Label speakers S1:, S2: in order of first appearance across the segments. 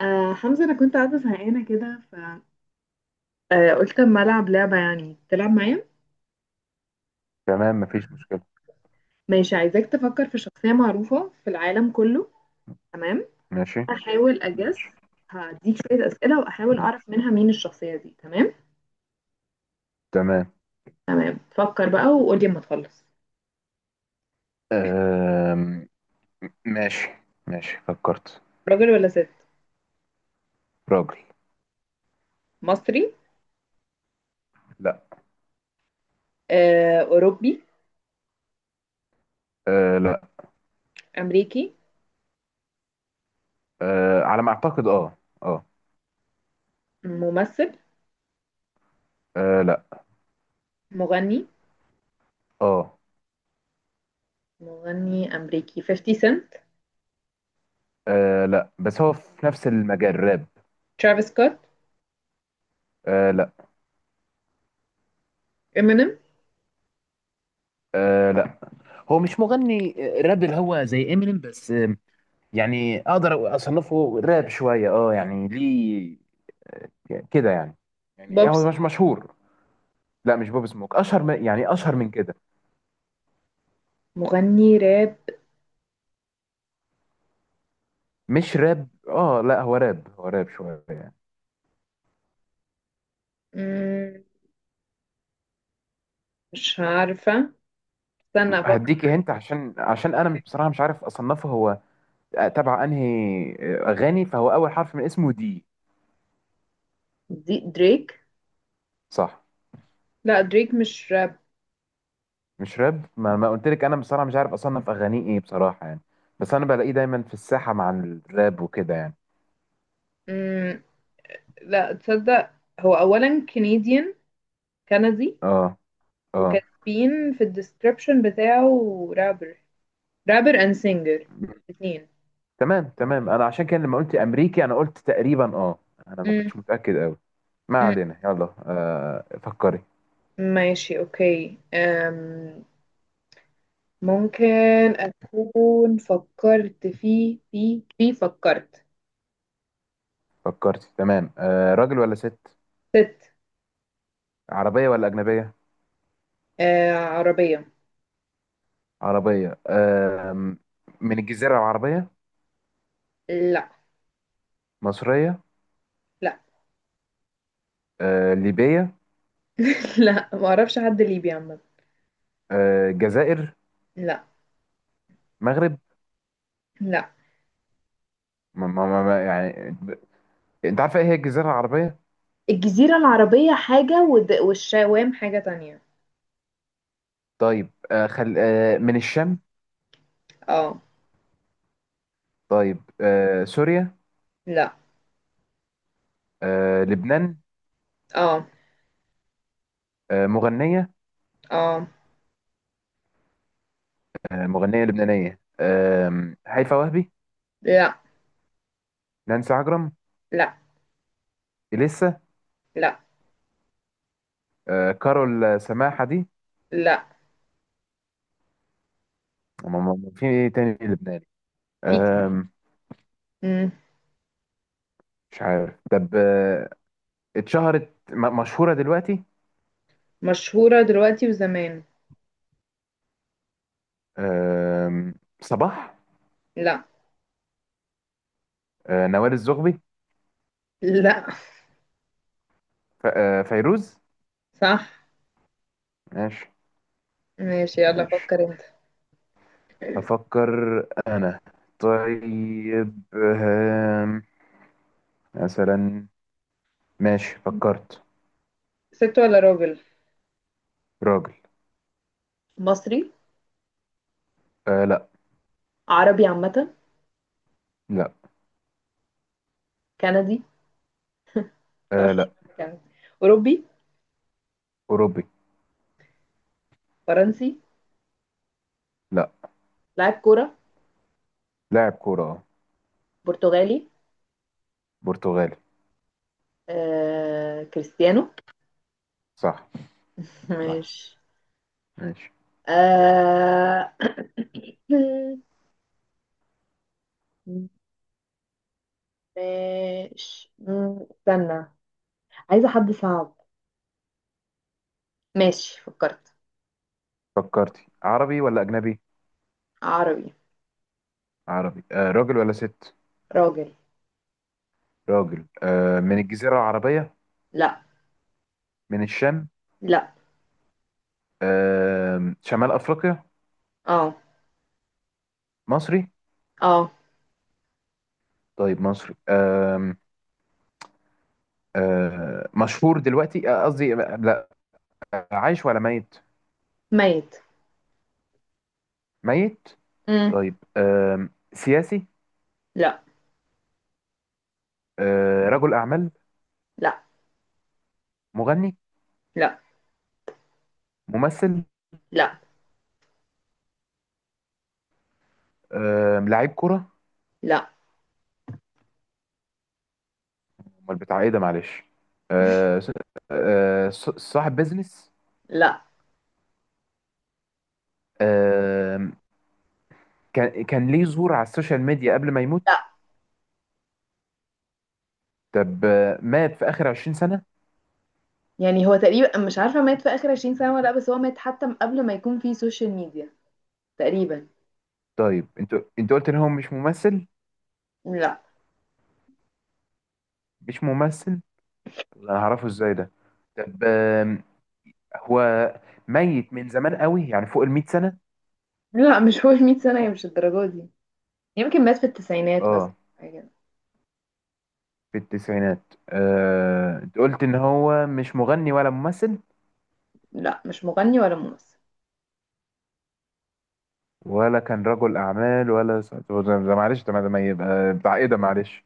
S1: حمزة، أنا كنت قاعدة زهقانة كده، ف قلت أما ألعب لعبة. يعني تلعب معايا؟
S2: تمام، مفيش مشكلة.
S1: ماشي، عايزاك تفكر في شخصية معروفة في العالم كله. تمام.
S2: ماشي.
S1: أحاول
S2: ماشي.
S1: أجس، هديك شوية أسئلة وأحاول
S2: ماشي.
S1: أعرف منها مين الشخصية دي. تمام
S2: تمام.
S1: تمام، فكر بقى وقولي أما تخلص.
S2: أم... ماشي. ماشي، فكرت.
S1: راجل ولا ست؟
S2: راجل.
S1: مصري؟
S2: لا.
S1: أوروبي؟
S2: لا.
S1: أمريكي؟
S2: على ما أعتقد، اه اه.
S1: ممثل؟
S2: لا،
S1: مغني؟
S2: اه.
S1: مغني أمريكي 50 سنت؟
S2: لا، بس هو في نفس المجال راب.
S1: ترافيس سكوت؟
S2: لا.
S1: إمينيم؟
S2: لا، هو مش مغني. راب، اللي هو زي امينيم. بس يعني أقدر أصنفه راب شوية، اه يعني ليه كده يعني. يعني
S1: بوب
S2: هو مش
S1: سموك؟
S2: مشهور. لا، مش بوب سموك، أشهر من، يعني أشهر من كده.
S1: مغني راب؟
S2: مش راب، اه لا هو راب، هو راب شويه يعني.
S1: مم، مش عارفة، استنى افكر.
S2: هديكي هنت، عشان انا بصراحه مش عارف اصنفه هو تبع انهي اغاني، فهو اول حرف من اسمه دي.
S1: دي دريك؟
S2: صح.
S1: لا، دريك مش راب.
S2: مش راب، ما قلت لك انا بصراحه مش عارف اصنف اغانيه ايه بصراحه يعني. بس انا بلاقيه دايما في الساحه مع الراب وكده يعني.
S1: مم. لا تصدق، هو اولا كنديان، كندي،
S2: اه. اه.
S1: وكاتبين في الديسكربشن بتاعه رابر، رابر اند سينجر الاثنين.
S2: تمام. تمام. انا عشان كده لما قلت امريكي انا قلت تقريبا، اه. انا ما
S1: مم.
S2: كنتش متاكد قوي. ما
S1: مم.
S2: علينا، يلا فكري.
S1: ماشي اوكي. ممكن اكون فكرت في فكرت.
S2: فكرتي؟ تمام. راجل ولا ست؟
S1: ست.
S2: عربيه ولا اجنبيه؟
S1: عربية.
S2: عربية. من الجزيرة العربية؟
S1: لا.
S2: مصرية؟
S1: لا.
S2: ليبية؟
S1: لا، ما اعرفش حد ليبي عامة.
S2: جزائر؟
S1: لا.
S2: مغرب؟
S1: لا.
S2: ما ما ما ما- يعني ب- انت عارفة ايه هي الجزيرة العربية؟
S1: الجزيرة العربية حاجة، والشوام حاجة تانية.
S2: طيب، من الشام؟
S1: اه.
S2: طيب، سوريا؟
S1: لا.
S2: لبنان؟
S1: اه.
S2: مغنية؟
S1: اه.
S2: مغنية لبنانية. هيفاء وهبي؟
S1: لا.
S2: نانسي عجرم؟
S1: لا.
S2: إليسا؟
S1: لا.
S2: كارول سماحة دي؟
S1: لا.
S2: في ايه تاني لبناني؟
S1: في ك-.
S2: آم،
S1: مم.
S2: مش عارف. طب مشهورة دلوقتي؟
S1: مشهورة دلوقتي وزمان.
S2: آم، صباح؟
S1: لا.
S2: نوال الزغبي؟
S1: لا.
S2: فيروز؟
S1: صح.
S2: ماشي.
S1: ماشي، يلا
S2: ماشي.
S1: فكر انت.
S2: أفكر. أنا. طيب مثلا. ماشي، فكرت.
S1: ست ولا راجل؟
S2: راجل.
S1: مصري؟
S2: لا.
S1: عربي عامة؟
S2: لا.
S1: كندي؟ طرش.
S2: لا.
S1: كندي. أوروبي؟
S2: أوروبي.
S1: فرنسي؟
S2: لا.
S1: لاعب كورة؟
S2: لاعب كورة
S1: برتغالي؟
S2: برتغالي.
S1: كريستيانو؟
S2: صح. صح.
S1: ماشي.
S2: ماشي.
S1: آه... ماشي. استنى، عايزة حد صعب. ماشي، فكرت.
S2: فكرتي؟ عربي ولا أجنبي؟
S1: عربي.
S2: عربي. راجل ولا ست؟
S1: راجل.
S2: راجل. من الجزيرة العربية؟
S1: لا.
S2: من الشام؟
S1: لا.
S2: شمال أفريقيا؟
S1: اه.
S2: مصري؟
S1: اه.
S2: طيب مصري. أه مشهور دلوقتي، قصدي لا. عايش ولا ميت؟
S1: ميت.
S2: ميت.
S1: مم.
S2: طيب، سياسي؟
S1: لا.
S2: رجل أعمال؟
S1: لا.
S2: مغني؟
S1: لا.
S2: ممثل؟
S1: لا.
S2: لاعب كرة؟
S1: لا.
S2: امال بتاع ايه ده، معلش. أه س- صاحب بيزنس؟
S1: لا.
S2: أم، كان ليه ظهور على السوشيال ميديا قبل ما يموت؟
S1: لا.
S2: طب مات في آخر 20 سنة؟
S1: يعني هو تقريبا مش عارفة مات في آخر 20 سنة ولا لأ، بس هو مات حتى من قبل ما يكون في سوشيال ميديا تقريبا.
S2: طيب، انت قلت ان هو مش ممثل.
S1: لا.
S2: مش ممثل، انا هعرفه ازاي ده. طب هو ميت من زمان قوي يعني فوق المئة سنة.
S1: لا، مش هو 100 سنة، هي مش الدرجة دي. يمكن مات في التسعينات مثلا،
S2: اه،
S1: حاجة كده.
S2: في التسعينات. قلت ان هو مش مغني ولا ممثل
S1: لا، مش مغني ولا ممثل.
S2: ولا كان رجل اعمال ده معلش، طب ده ما يبقى بتاع ايه ده، معلش.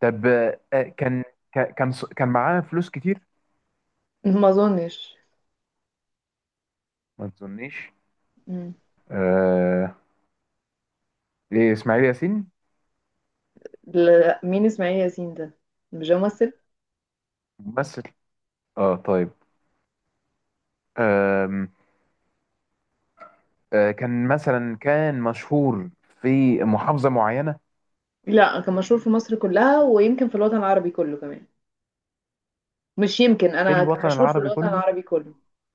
S2: طب كان ك- كان ص- كان معاه فلوس كتير.
S1: ما أظنش.
S2: ما تظنيش. آه، ايه، اسماعيل ياسين؟
S1: لا، مين اسماعيل ياسين ده؟ مش ده ممثل؟
S2: ممثل. اه طيب. آم، كان مثلا كان مشهور في محافظة معينة؟
S1: لا، كان مشهور في مصر كلها ويمكن في الوطن العربي كله كمان. مش يمكن،
S2: في
S1: انا كان
S2: الوطن
S1: مشهور في
S2: العربي
S1: الوطن
S2: كله؟
S1: العربي كله.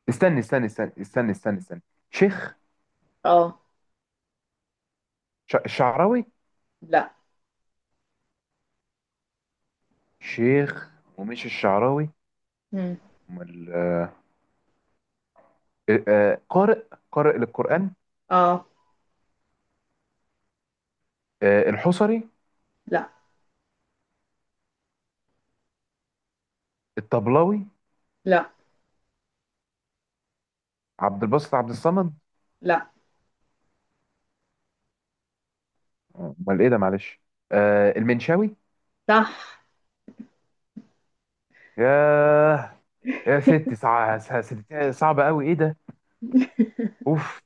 S2: استنى استنى استنى استنى استنى استنى. شيخ؟
S1: اه.
S2: الشعراوي؟
S1: لا.
S2: شيخ، ومش الشعراوي.
S1: مم.
S2: امال؟ قارئ، قارئ للقرآن؟
S1: اه.
S2: الحصري؟
S1: لا.
S2: الطبلاوي؟
S1: لا.
S2: عبد الباسط عبد الصمد؟
S1: لا.
S2: امال ايه ده، معلش. المنشاوي؟
S1: صح.
S2: ياه. يا ست صعبة قوي ايه ده. اوف.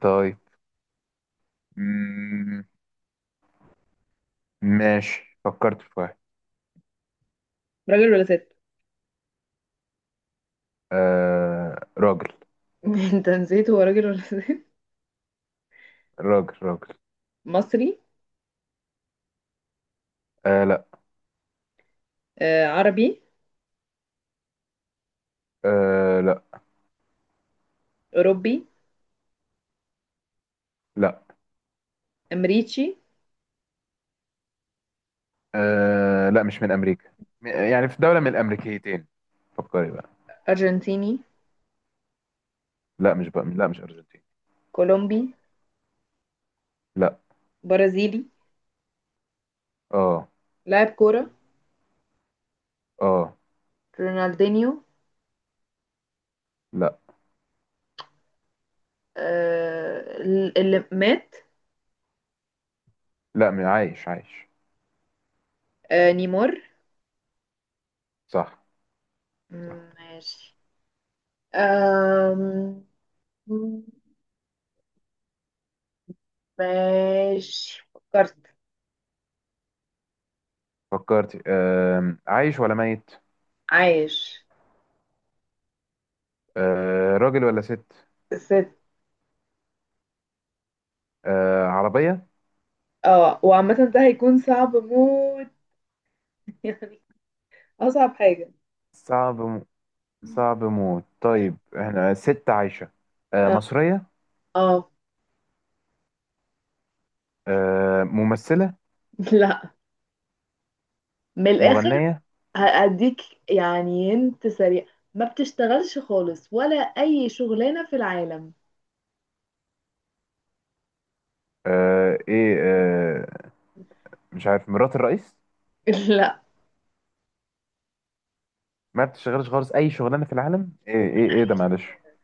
S2: طيب. مم، ماشي، فكرت في واحد.
S1: راجل ولا ست؟
S2: راجل.
S1: انت نسيت هو راجل ولا ست.
S2: راجل. راجل.
S1: مصري؟
S2: لا.
S1: عربي؟
S2: لا.
S1: اوروبي؟
S2: لا.
S1: امريكي؟
S2: لا، مش من امريكا. يعني في دولة من الامريكيتين. فكري بقى.
S1: ارجنتيني؟
S2: لا، مش بقى، لا مش ارجنتين.
S1: كولومبي؟
S2: لا.
S1: برازيلي؟
S2: اه.
S1: لاعب كورة؟
S2: اه.
S1: رونالدينيو؟
S2: لا.
S1: آه، اللي مات؟
S2: لا، عايش عايش.
S1: آه، نيمار؟
S2: صح.
S1: ماشي. أم... ماشي، فكرت.
S2: فكرتي؟ عايش ولا ميت؟
S1: عايش.
S2: راجل ولا ست؟
S1: ست.
S2: عربية.
S1: اه، وعامة ده هيكون صعب موت. يعني أصعب حاجة.
S2: صعب صعب موت. طيب، احنا ست عايشة.
S1: اه.
S2: مصرية.
S1: آه.
S2: ممثلة.
S1: لا. من الآخر.
S2: مغنية.
S1: هأديك، يعني انت سريع. ما بتشتغلش خالص ولا أي شغلانة في العالم؟
S2: آه ايه آه مش عارف، مرات الرئيس؟
S1: لا.
S2: ما بتشتغلش خالص اي شغلانه في العالم، ايه
S1: ولا
S2: ايه ايه ده،
S1: أي
S2: معلش.
S1: شغلانة،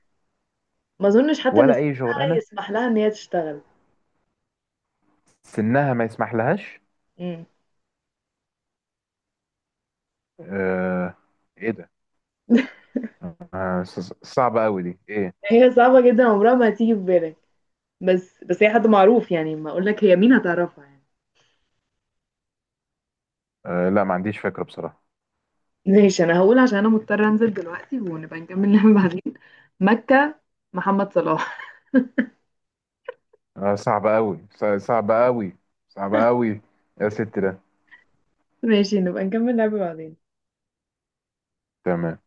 S1: ما أظنش حتى إن
S2: ولا اي
S1: سنها
S2: شغلانه.
S1: يسمح لها إن هي تشتغل.
S2: سنها ما يسمح لهاش.
S1: مم.
S2: آه ايه ده. صعبه قوي دي، ايه.
S1: هي صعبة جدا، عمرها ما هتيجي في بالك. بس هي حد معروف يعني، ما اقول لك هي مين هتعرفها يعني.
S2: لا، ما عنديش فكره بصراحه.
S1: ماشي، انا هقول عشان انا مضطرة انزل دلوقتي ونبقى نكمل لعبة بعدين. مكة. محمد صلاح.
S2: صعبه قوي، صعبه قوي، صعبه قوي يا ست ده.
S1: ماشي، نبقى نكمل لعبة بعدين.
S2: تمام.